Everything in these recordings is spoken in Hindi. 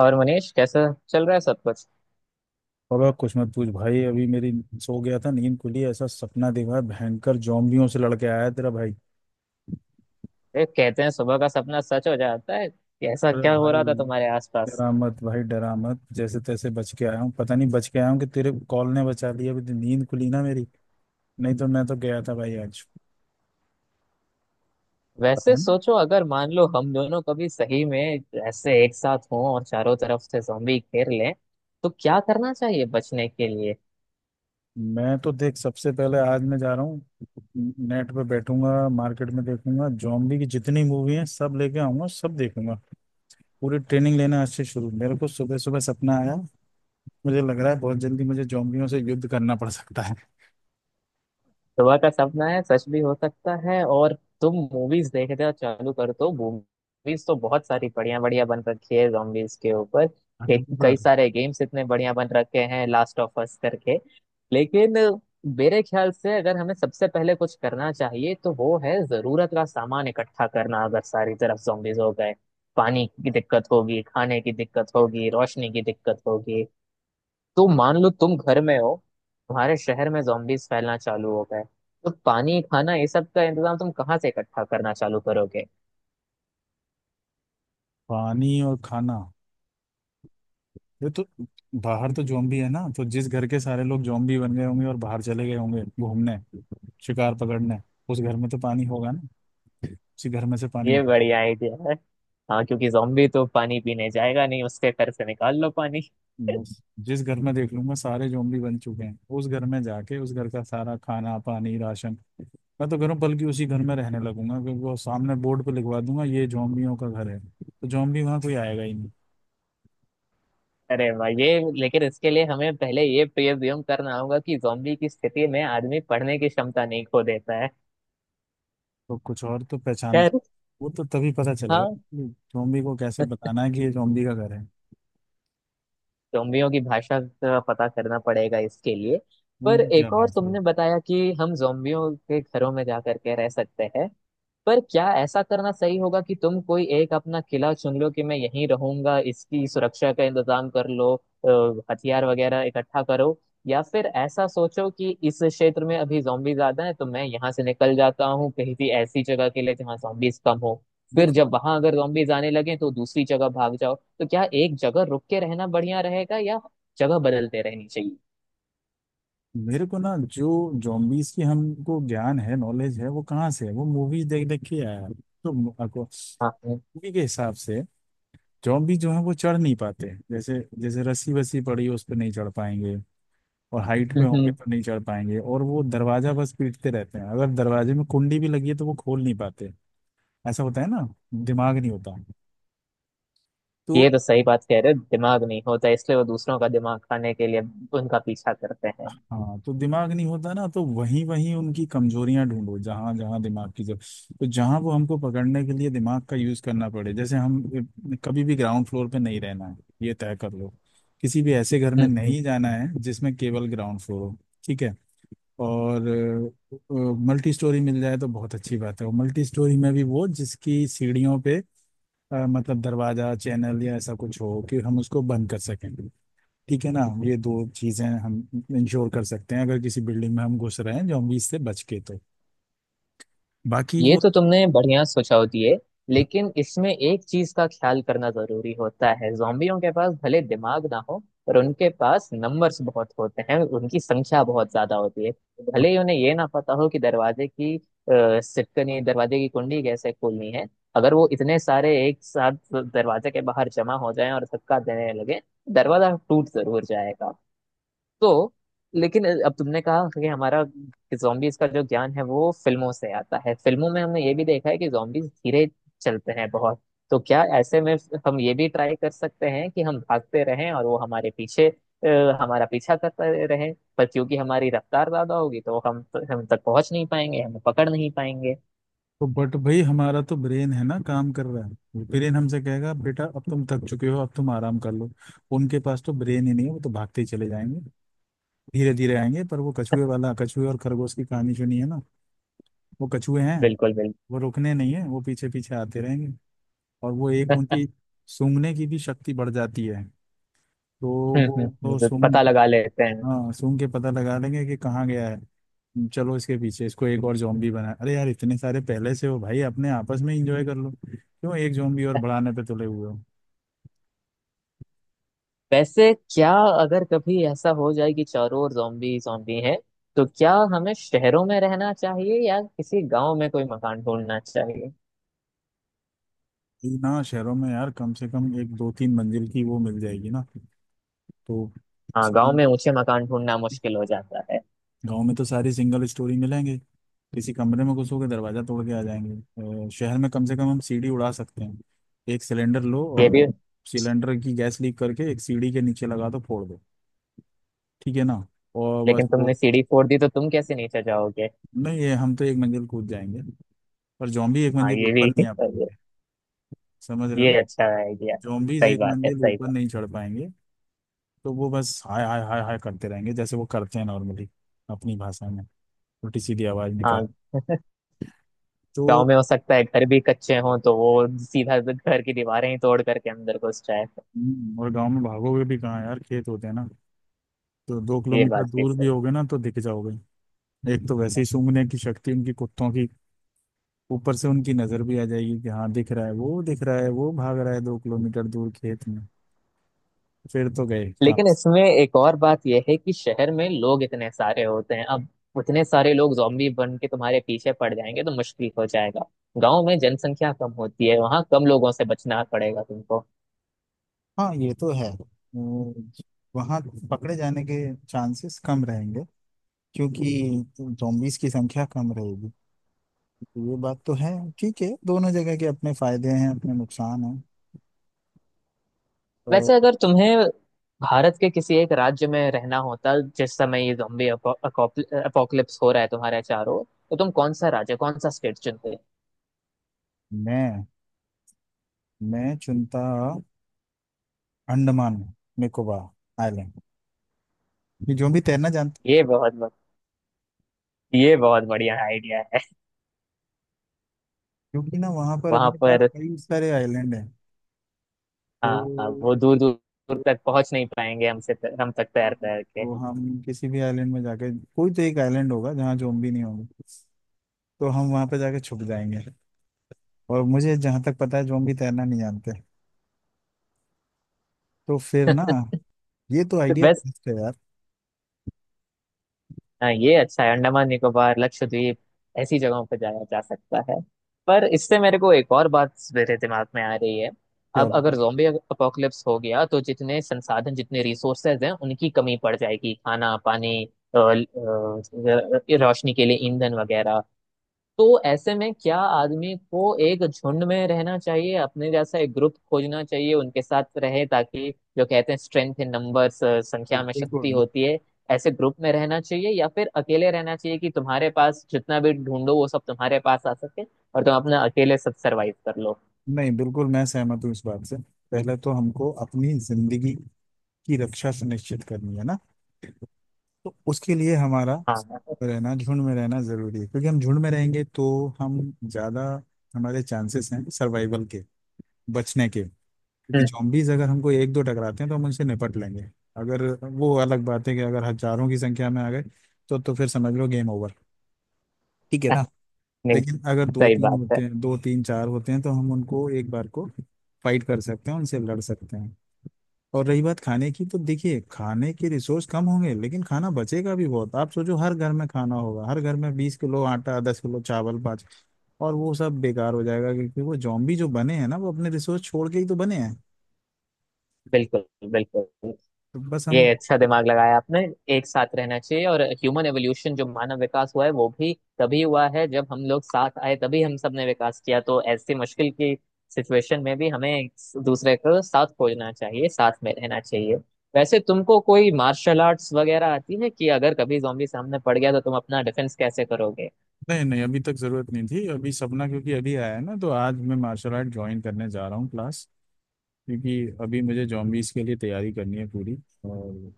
और मनीष कैसा चल रहा है सब कुछ। बाबा कुछ मत पूछ भाई। अभी मेरी सो गया था, नींद खुली, ऐसा सपना देखा, भयंकर जोम्बियों से लड़के आया है तेरा भाई। देख, कहते हैं सुबह का सपना सच हो जाता है। ऐसा अरे क्या हो भाई, रहा था तुम्हारे आसपास? डरा मत भाई, डरा मत। जैसे तैसे बच के आया हूँ, पता नहीं बच के आया हूँ कि तेरे कॉल ने बचा लिया। अभी तो नींद खुली ना मेरी, नहीं तो मैं तो गया था भाई आज। वैसे पता नहीं, सोचो अगर मान लो हम दोनों कभी सही में ऐसे एक साथ हों और चारों तरफ से ज़ॉम्बी घेर लें, तो क्या करना चाहिए बचने के लिए? मैं तो देख, सबसे पहले आज मैं जा रहा हूँ, नेट पे बैठूंगा, मार्केट में देखूंगा, जॉम्बी की जितनी मूवी हैं सब लेके आऊंगा, सब देखूंगा। पूरी ट्रेनिंग लेना आज से शुरू। मेरे को सुबह सुबह सपना आया, मुझे लग रहा है बहुत जल्दी मुझे जोम्बियों से युद्ध करना पड़ सकता है। सुबह का सपना है, सच भी हो सकता है। और तुम मूवीज देखते हो, चालू कर दो। मूवीज तो बहुत सारी बढ़िया बढ़िया बन रखी है zombies के ऊपर, अगली कई बार। सारे गेम्स इतने बढ़िया बन रखे हैं लास्ट ऑफ अस करके। लेकिन मेरे ख्याल से अगर हमें सबसे पहले कुछ करना चाहिए तो वो है जरूरत का सामान इकट्ठा करना। अगर सारी तरफ zombies हो गए, पानी की दिक्कत होगी, खाने की दिक्कत होगी, रोशनी की दिक्कत होगी। तो मान लो तुम घर में हो, तुम्हारे शहर में zombies फैलना चालू हो गए, तो पानी खाना ये सब का इंतजाम तुम कहाँ से इकट्ठा करना चालू करोगे? पानी और खाना, ये तो, बाहर तो जोम्बी है ना, तो जिस घर के सारे लोग जोम्बी बन गए होंगे और बाहर चले गए होंगे घूमने, शिकार पकड़ने, उस घर में तो पानी होगा ना। उसी घर में से पानी ये उठाना। बढ़िया आइडिया है। हाँ, क्योंकि zombie तो पानी पीने जाएगा नहीं, उसके घर से निकाल लो पानी बस, जिस घर में देख लूंगा सारे जोम्बी बन चुके हैं, उस घर में जाके उस घर का सारा खाना पानी राशन मैं तो करूँ, बल्कि उसी घर में रहने लगूंगा। क्योंकि वो सामने बोर्ड पे लिखवा दूंगा, ये जोम्बियों का घर है, तो जोम्बी वहां कोई आएगा ही। अरे भाई ये, लेकिन इसके लिए हमें पहले ये प्रिज्यूम करना होगा कि zombie की स्थिति में आदमी पढ़ने की क्षमता नहीं खो देता है। तो कुछ और तो पहचान। खैर, वो तो तभी पता चलेगा हाँ, कि जोम्बी को कैसे बताना है कि ये जोम्बी का घर है। जोम्बियों की भाषा का पता करना पड़ेगा इसके लिए। पर उनकी क्या एक और बात है। तुमने बताया कि हम जोम्बियों के घरों में जा करके रह सकते हैं। पर क्या ऐसा करना सही होगा कि तुम कोई एक अपना किला चुन लो कि मैं यहीं रहूंगा, इसकी सुरक्षा का इंतजाम कर लो, हथियार वगैरह इकट्ठा करो। या फिर ऐसा सोचो कि इस क्षेत्र में अभी जॉम्बी ज्यादा है तो मैं यहाँ से निकल जाता हूँ कहीं भी ऐसी जगह के लिए जहाँ जॉम्बीज कम हो। फिर देखो, जब वहां अगर zombies आने लगे तो दूसरी जगह भाग जाओ। तो क्या एक जगह रुक के रहना बढ़िया रहेगा या जगह बदलते रहनी चाहिए? मेरे को ना जो जोम्बीज की हमको ज्ञान है, नॉलेज है, वो कहाँ से है, वो मूवीज देख देख के आया है। तो मूवी हाँ। के हिसाब से जोम्बी जो है वो चढ़ नहीं पाते। जैसे जैसे रस्सी वस्सी पड़ी है, उस पर नहीं चढ़ पाएंगे, और हाइट पे होंगे हम्म। तो नहीं चढ़ पाएंगे। और वो दरवाजा बस पीटते रहते हैं, अगर दरवाजे में कुंडी भी लगी है तो वो खोल नहीं पाते। ऐसा होता है ना। दिमाग नहीं होता। ये तो, तो सही बात कह रहे हो, दिमाग नहीं होता इसलिए वो दूसरों का दिमाग खाने के लिए उनका पीछा करते हैं। हाँ, तो दिमाग नहीं होता ना, तो वहीं वहीं उनकी कमजोरियां ढूंढो जहां जहां दिमाग की जरूरत। तो जहां वो हमको पकड़ने के लिए दिमाग का यूज करना पड़े, जैसे हम कभी भी ग्राउंड फ्लोर पे नहीं रहना है, ये तय कर लो। किसी भी ऐसे घर में हम्म। नहीं जाना है जिसमें केवल ग्राउंड फ्लोर हो। ठीक है। और मल्टी स्टोरी मिल जाए तो बहुत अच्छी बात है। और मल्टी स्टोरी में भी वो जिसकी सीढ़ियों पे मतलब दरवाजा चैनल या ऐसा कुछ हो कि हम उसको बंद कर सकें, ठीक है ना। ये दो चीजें हम इंश्योर कर सकते हैं अगर किसी बिल्डिंग में हम घुस रहे हैं जॉम्बीज से बच के। तो बाकी ये वो, तो तुमने बढ़िया सोचा होती है। लेकिन इसमें एक चीज का ख्याल करना जरूरी होता है, जोम्बियों के पास भले दिमाग ना हो, पर उनके पास नंबर्स बहुत होते हैं, उनकी संख्या बहुत ज्यादा होती है। भले ही उन्हें ये ना पता हो कि दरवाजे की सिटकनी दरवाजे की कुंडी कैसे खोलनी है, अगर वो इतने सारे एक साथ दरवाजे के बाहर जमा हो जाएं और धक्का देने लगे, दरवाजा टूट जरूर जाएगा। तो लेकिन अब तुमने कहा कि हमारा जॉम्बीज का जो ज्ञान है वो फिल्मों से आता है। फिल्मों में हमने ये भी देखा है कि जॉम्बीज धीरे चलते हैं बहुत। तो क्या ऐसे में हम ये भी ट्राई कर सकते हैं कि हम भागते रहें और वो हमारे पीछे, हमारा पीछा करते रहें। पर क्योंकि हमारी रफ्तार ज्यादा होगी तो हम तक पहुंच नहीं पाएंगे, हमें पकड़ नहीं पाएंगे। तो बट भाई हमारा तो ब्रेन है ना, काम कर रहा है। ब्रेन हमसे कहेगा बेटा अब तुम थक चुके हो, अब तुम आराम कर लो। उनके पास तो ब्रेन ही नहीं है, वो तो भागते ही चले जाएंगे। धीरे धीरे आएंगे, पर वो कछुए वाला, कछुए और खरगोश की कहानी सुनी है ना, वो कछुए हैं। बिल्कुल बिल्कुल। वो रुकने नहीं है, वो पीछे पीछे आते रहेंगे। और वो एक उनकी सूंघने की भी शक्ति बढ़ जाती है। तो वो तो पता सूंघ लगा लेते हैं। हाँ, सूंघ के पता लगा लेंगे कि कहाँ गया है। चलो इसके पीछे, इसको एक और जॉम्बी बना। अरे यार इतने सारे पहले से हो भाई, अपने आपस में इंजॉय कर लो, क्यों एक जॉम्बी और बढ़ाने पे तुले हुए हो। वैसे क्या अगर कभी ऐसा हो जाए कि चारों ओर zombie zombie हैं, तो क्या हमें शहरों में रहना चाहिए या किसी गांव में कोई मकान ढूंढना चाहिए? ये ना शहरों में यार कम से कम एक दो तीन मंजिल की वो मिल जाएगी ना। तो हाँ, सीधी, गांव में ऊंचे मकान ढूंढना मुश्किल हो जाता है। गांव में तो सारी सिंगल स्टोरी मिलेंगे, किसी कमरे में घुसोगे दरवाजा तोड़ के आ जाएंगे। शहर में कम से कम हम सीढ़ी उड़ा सकते हैं। एक सिलेंडर लो ये और भी। सिलेंडर की गैस लीक करके एक सीढ़ी के नीचे लगा दो, फोड़ दो, ठीक है ना। और बस लेकिन वो, तुमने सीढ़ी फोड़ दी तो तुम कैसे नीचे जाओगे? नहीं ये हम तो एक मंजिल कूद जाएंगे, पर जॉम्बी एक हाँ, मंजिल ये ऊपर भी नहीं आ पाएंगे। समझ रहे हो ये ना। अच्छा आइडिया। जॉम्बीज सही एक बात है, मंजिल सही ऊपर बात। नहीं चढ़ पाएंगे। तो वो बस हाय हाय हाय हाय करते रहेंगे जैसे वो करते हैं नॉर्मली, अपनी भाषा में, छोटी सीधी आवाज निकाल। हाँ, तो गांव में हो सकता है घर भी कच्चे हों तो वो सीधा घर की दीवारें ही तोड़ करके अंदर घुस जाए। और गांव में भागोगे भी कहाँ यार, खेत होते हैं ना, तो दो ये किलोमीटर बात भी दूर भी सही। होगे ना तो दिख जाओगे। एक तो वैसे ही सूंघने की शक्ति उनकी कुत्तों की, ऊपर से उनकी नजर भी आ जाएगी कि हाँ दिख रहा है, वो दिख रहा है, वो भाग रहा है 2 किलोमीटर दूर खेत में, फिर तो गए काम। लेकिन इसमें एक और बात यह है कि शहर में लोग इतने सारे होते हैं, अब उतने सारे लोग जॉम्बी बन के तुम्हारे पीछे पड़ जाएंगे तो मुश्किल हो जाएगा। गांव में जनसंख्या कम होती है, वहां कम लोगों से बचना पड़ेगा तुमको। हाँ, ये तो है। वहां पकड़े जाने के चांसेस कम रहेंगे, क्योंकि zombies की संख्या कम रहेगी, तो ये बात तो है। ठीक है, दोनों जगह के अपने फायदे हैं, अपने नुकसान हैं। और वैसे अगर तुम्हें भारत के किसी एक राज्य में रहना होता जिस समय ये जॉम्बी अपोकलिप्स हो रहा है तुम्हारे चारों, तो तुम कौन सा राज्य कौन सा स्टेट चुनते? मैं मैं चुनता, अंडमान निकोबार आइलैंड। ये जो भी तैरना जानते हैं, ये बहुत ब- ये बहुत बढ़िया आइडिया है। क्योंकि ना वहां पर वहां अपने पास पर कई सारे आइलैंड हैं। हाँ हाँ, तो वो दूर दूर दूर तक पहुंच नहीं पाएंगे हमसे, हम तक हम तैर तैर के हम किसी भी आइलैंड में जाके, कोई तो एक आइलैंड होगा जहाँ जोम्बी नहीं होंगे, तो हम वहां पर जाके छुप जाएंगे। और मुझे जहां तक पता है जो हम भी तैरना नहीं जानते, तो फिर ना, ये तो आइडिया बस, बेस्ट है यार। हाँ, ये अच्छा है। अंडमान निकोबार, लक्षद्वीप, ऐसी जगहों पर जाया जा सकता है। पर इससे मेरे को एक और बात मेरे दिमाग में आ रही है। क्या अब अगर बताऊं। जोम्बी अपोकलिप्स हो गया तो जितने संसाधन जितने रिसोर्सेज हैं उनकी कमी पड़ जाएगी। खाना, पानी, अ, अ, रोशनी के लिए ईंधन वगैरह। तो ऐसे में क्या आदमी को एक झुंड में रहना चाहिए, अपने जैसा एक ग्रुप खोजना चाहिए उनके साथ रहे, ताकि जो कहते हैं स्ट्रेंथ इन नंबर्स, संख्या में बिल्कुल शक्ति बिल्कुल। होती है। ऐसे ग्रुप में रहना चाहिए, या फिर अकेले रहना चाहिए कि तुम्हारे पास जितना भी ढूंढो वो सब तुम्हारे पास आ सके और तुम अपना अकेले सब सरवाइव कर लो? नहीं, बिल्कुल मैं सहमत हूँ इस बात से। पहले तो हमको अपनी जिंदगी की रक्षा सुनिश्चित करनी है ना, तो उसके लिए हमारा हाँ हाँ। रहना, झुंड में रहना जरूरी है। क्योंकि हम झुंड में रहेंगे तो हम ज्यादा, हमारे चांसेस हैं सर्वाइवल के, बचने के। क्योंकि हम्म, जॉम्बीज अगर हमको एक दो टकराते हैं तो हम उनसे निपट लेंगे। अगर, वो अलग बात है कि अगर हजारों की संख्या में आ गए तो फिर समझ लो गेम ओवर, ठीक है ना। नहीं, लेकिन अगर दो सही तीन बात है। होते हैं, दो तीन चार होते हैं, तो हम उनको एक बार को फाइट कर सकते हैं, उनसे लड़ सकते हैं। और रही बात खाने की, तो देखिए खाने के रिसोर्स कम होंगे, लेकिन खाना बचेगा भी बहुत। आप सोचो हर घर में खाना होगा, हर घर में 20 किलो आटा, 10 किलो चावल, पाँच, और वो सब बेकार हो जाएगा क्योंकि वो जॉम्बी जो बने हैं ना वो अपने रिसोर्स छोड़ के ही तो बने हैं। बिल्कुल बिल्कुल। तो बस ये हम, अच्छा दिमाग लगाया आपने। एक साथ रहना चाहिए, और ह्यूमन एवोल्यूशन जो मानव विकास हुआ है वो भी तभी हुआ है जब हम लोग साथ आए, तभी हम सबने विकास किया। तो ऐसी मुश्किल की सिचुएशन में भी हमें एक दूसरे को साथ खोजना चाहिए, साथ में रहना चाहिए। वैसे तुमको कोई मार्शल आर्ट्स वगैरह आती है कि अगर कभी जॉम्बी सामने पड़ गया तो तुम अपना डिफेंस कैसे करोगे? नहीं नहीं, अभी तक जरूरत नहीं थी, अभी सपना क्योंकि अभी आया है ना, तो आज मैं मार्शल आर्ट ज्वाइन करने जा रहा हूँ, क्लास। क्योंकि अभी मुझे जॉम्बीज के लिए तैयारी करनी है पूरी। और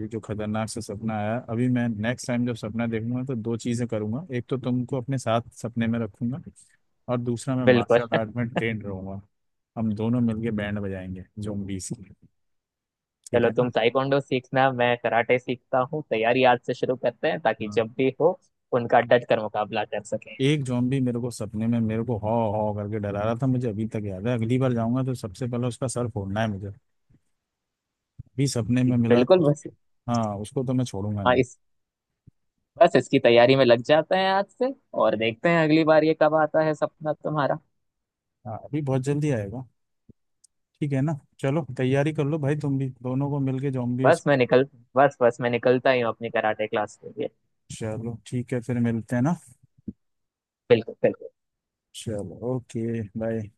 ये जो खतरनाक सा सपना आया, अभी मैं नेक्स्ट टाइम जब सपना देखूंगा तो दो चीज़ें करूंगा, एक तो तुमको अपने साथ सपने में रखूंगा, और दूसरा मैं बिल्कुल मार्शल आर्ट में ट्रेंड रहूंगा। हम दोनों मिलके बैंड बजाएंगे जॉम्बीज की। ठीक चलो, है तुम ना। ताइक्वांडो सीखना, मैं कराटे सीखता हूँ। तैयारी आज से शुरू करते हैं ताकि हाँ। जब भी हो उनका डट कर मुकाबला कर सके। एक जॉम्बी मेरे को सपने में, मेरे को हॉ हॉ करके डरा रहा था, मुझे अभी तक याद है, अगली बार जाऊंगा तो सबसे पहले उसका सर फोड़ना है मुझे। अभी सपने में मिला बिल्कुल। तो बस हाँ उसको तो मैं छोड़ूंगा हाँ, नहीं। इस, बस इसकी तैयारी में लग जाते हैं आज से। और देखते हैं अगली बार ये कब आता है सपना तुम्हारा। हाँ अभी बहुत जल्दी आएगा। ठीक है ना, चलो तैयारी कर लो भाई तुम भी, दोनों को मिलके जॉम्बियों से। बस मैं निकल बस मैं निकलता ही हूँ अपनी कराटे क्लास के लिए। चलो ठीक है, फिर मिलते हैं ना। बिल्कुल बिल्कुल। चलो ओके बाय।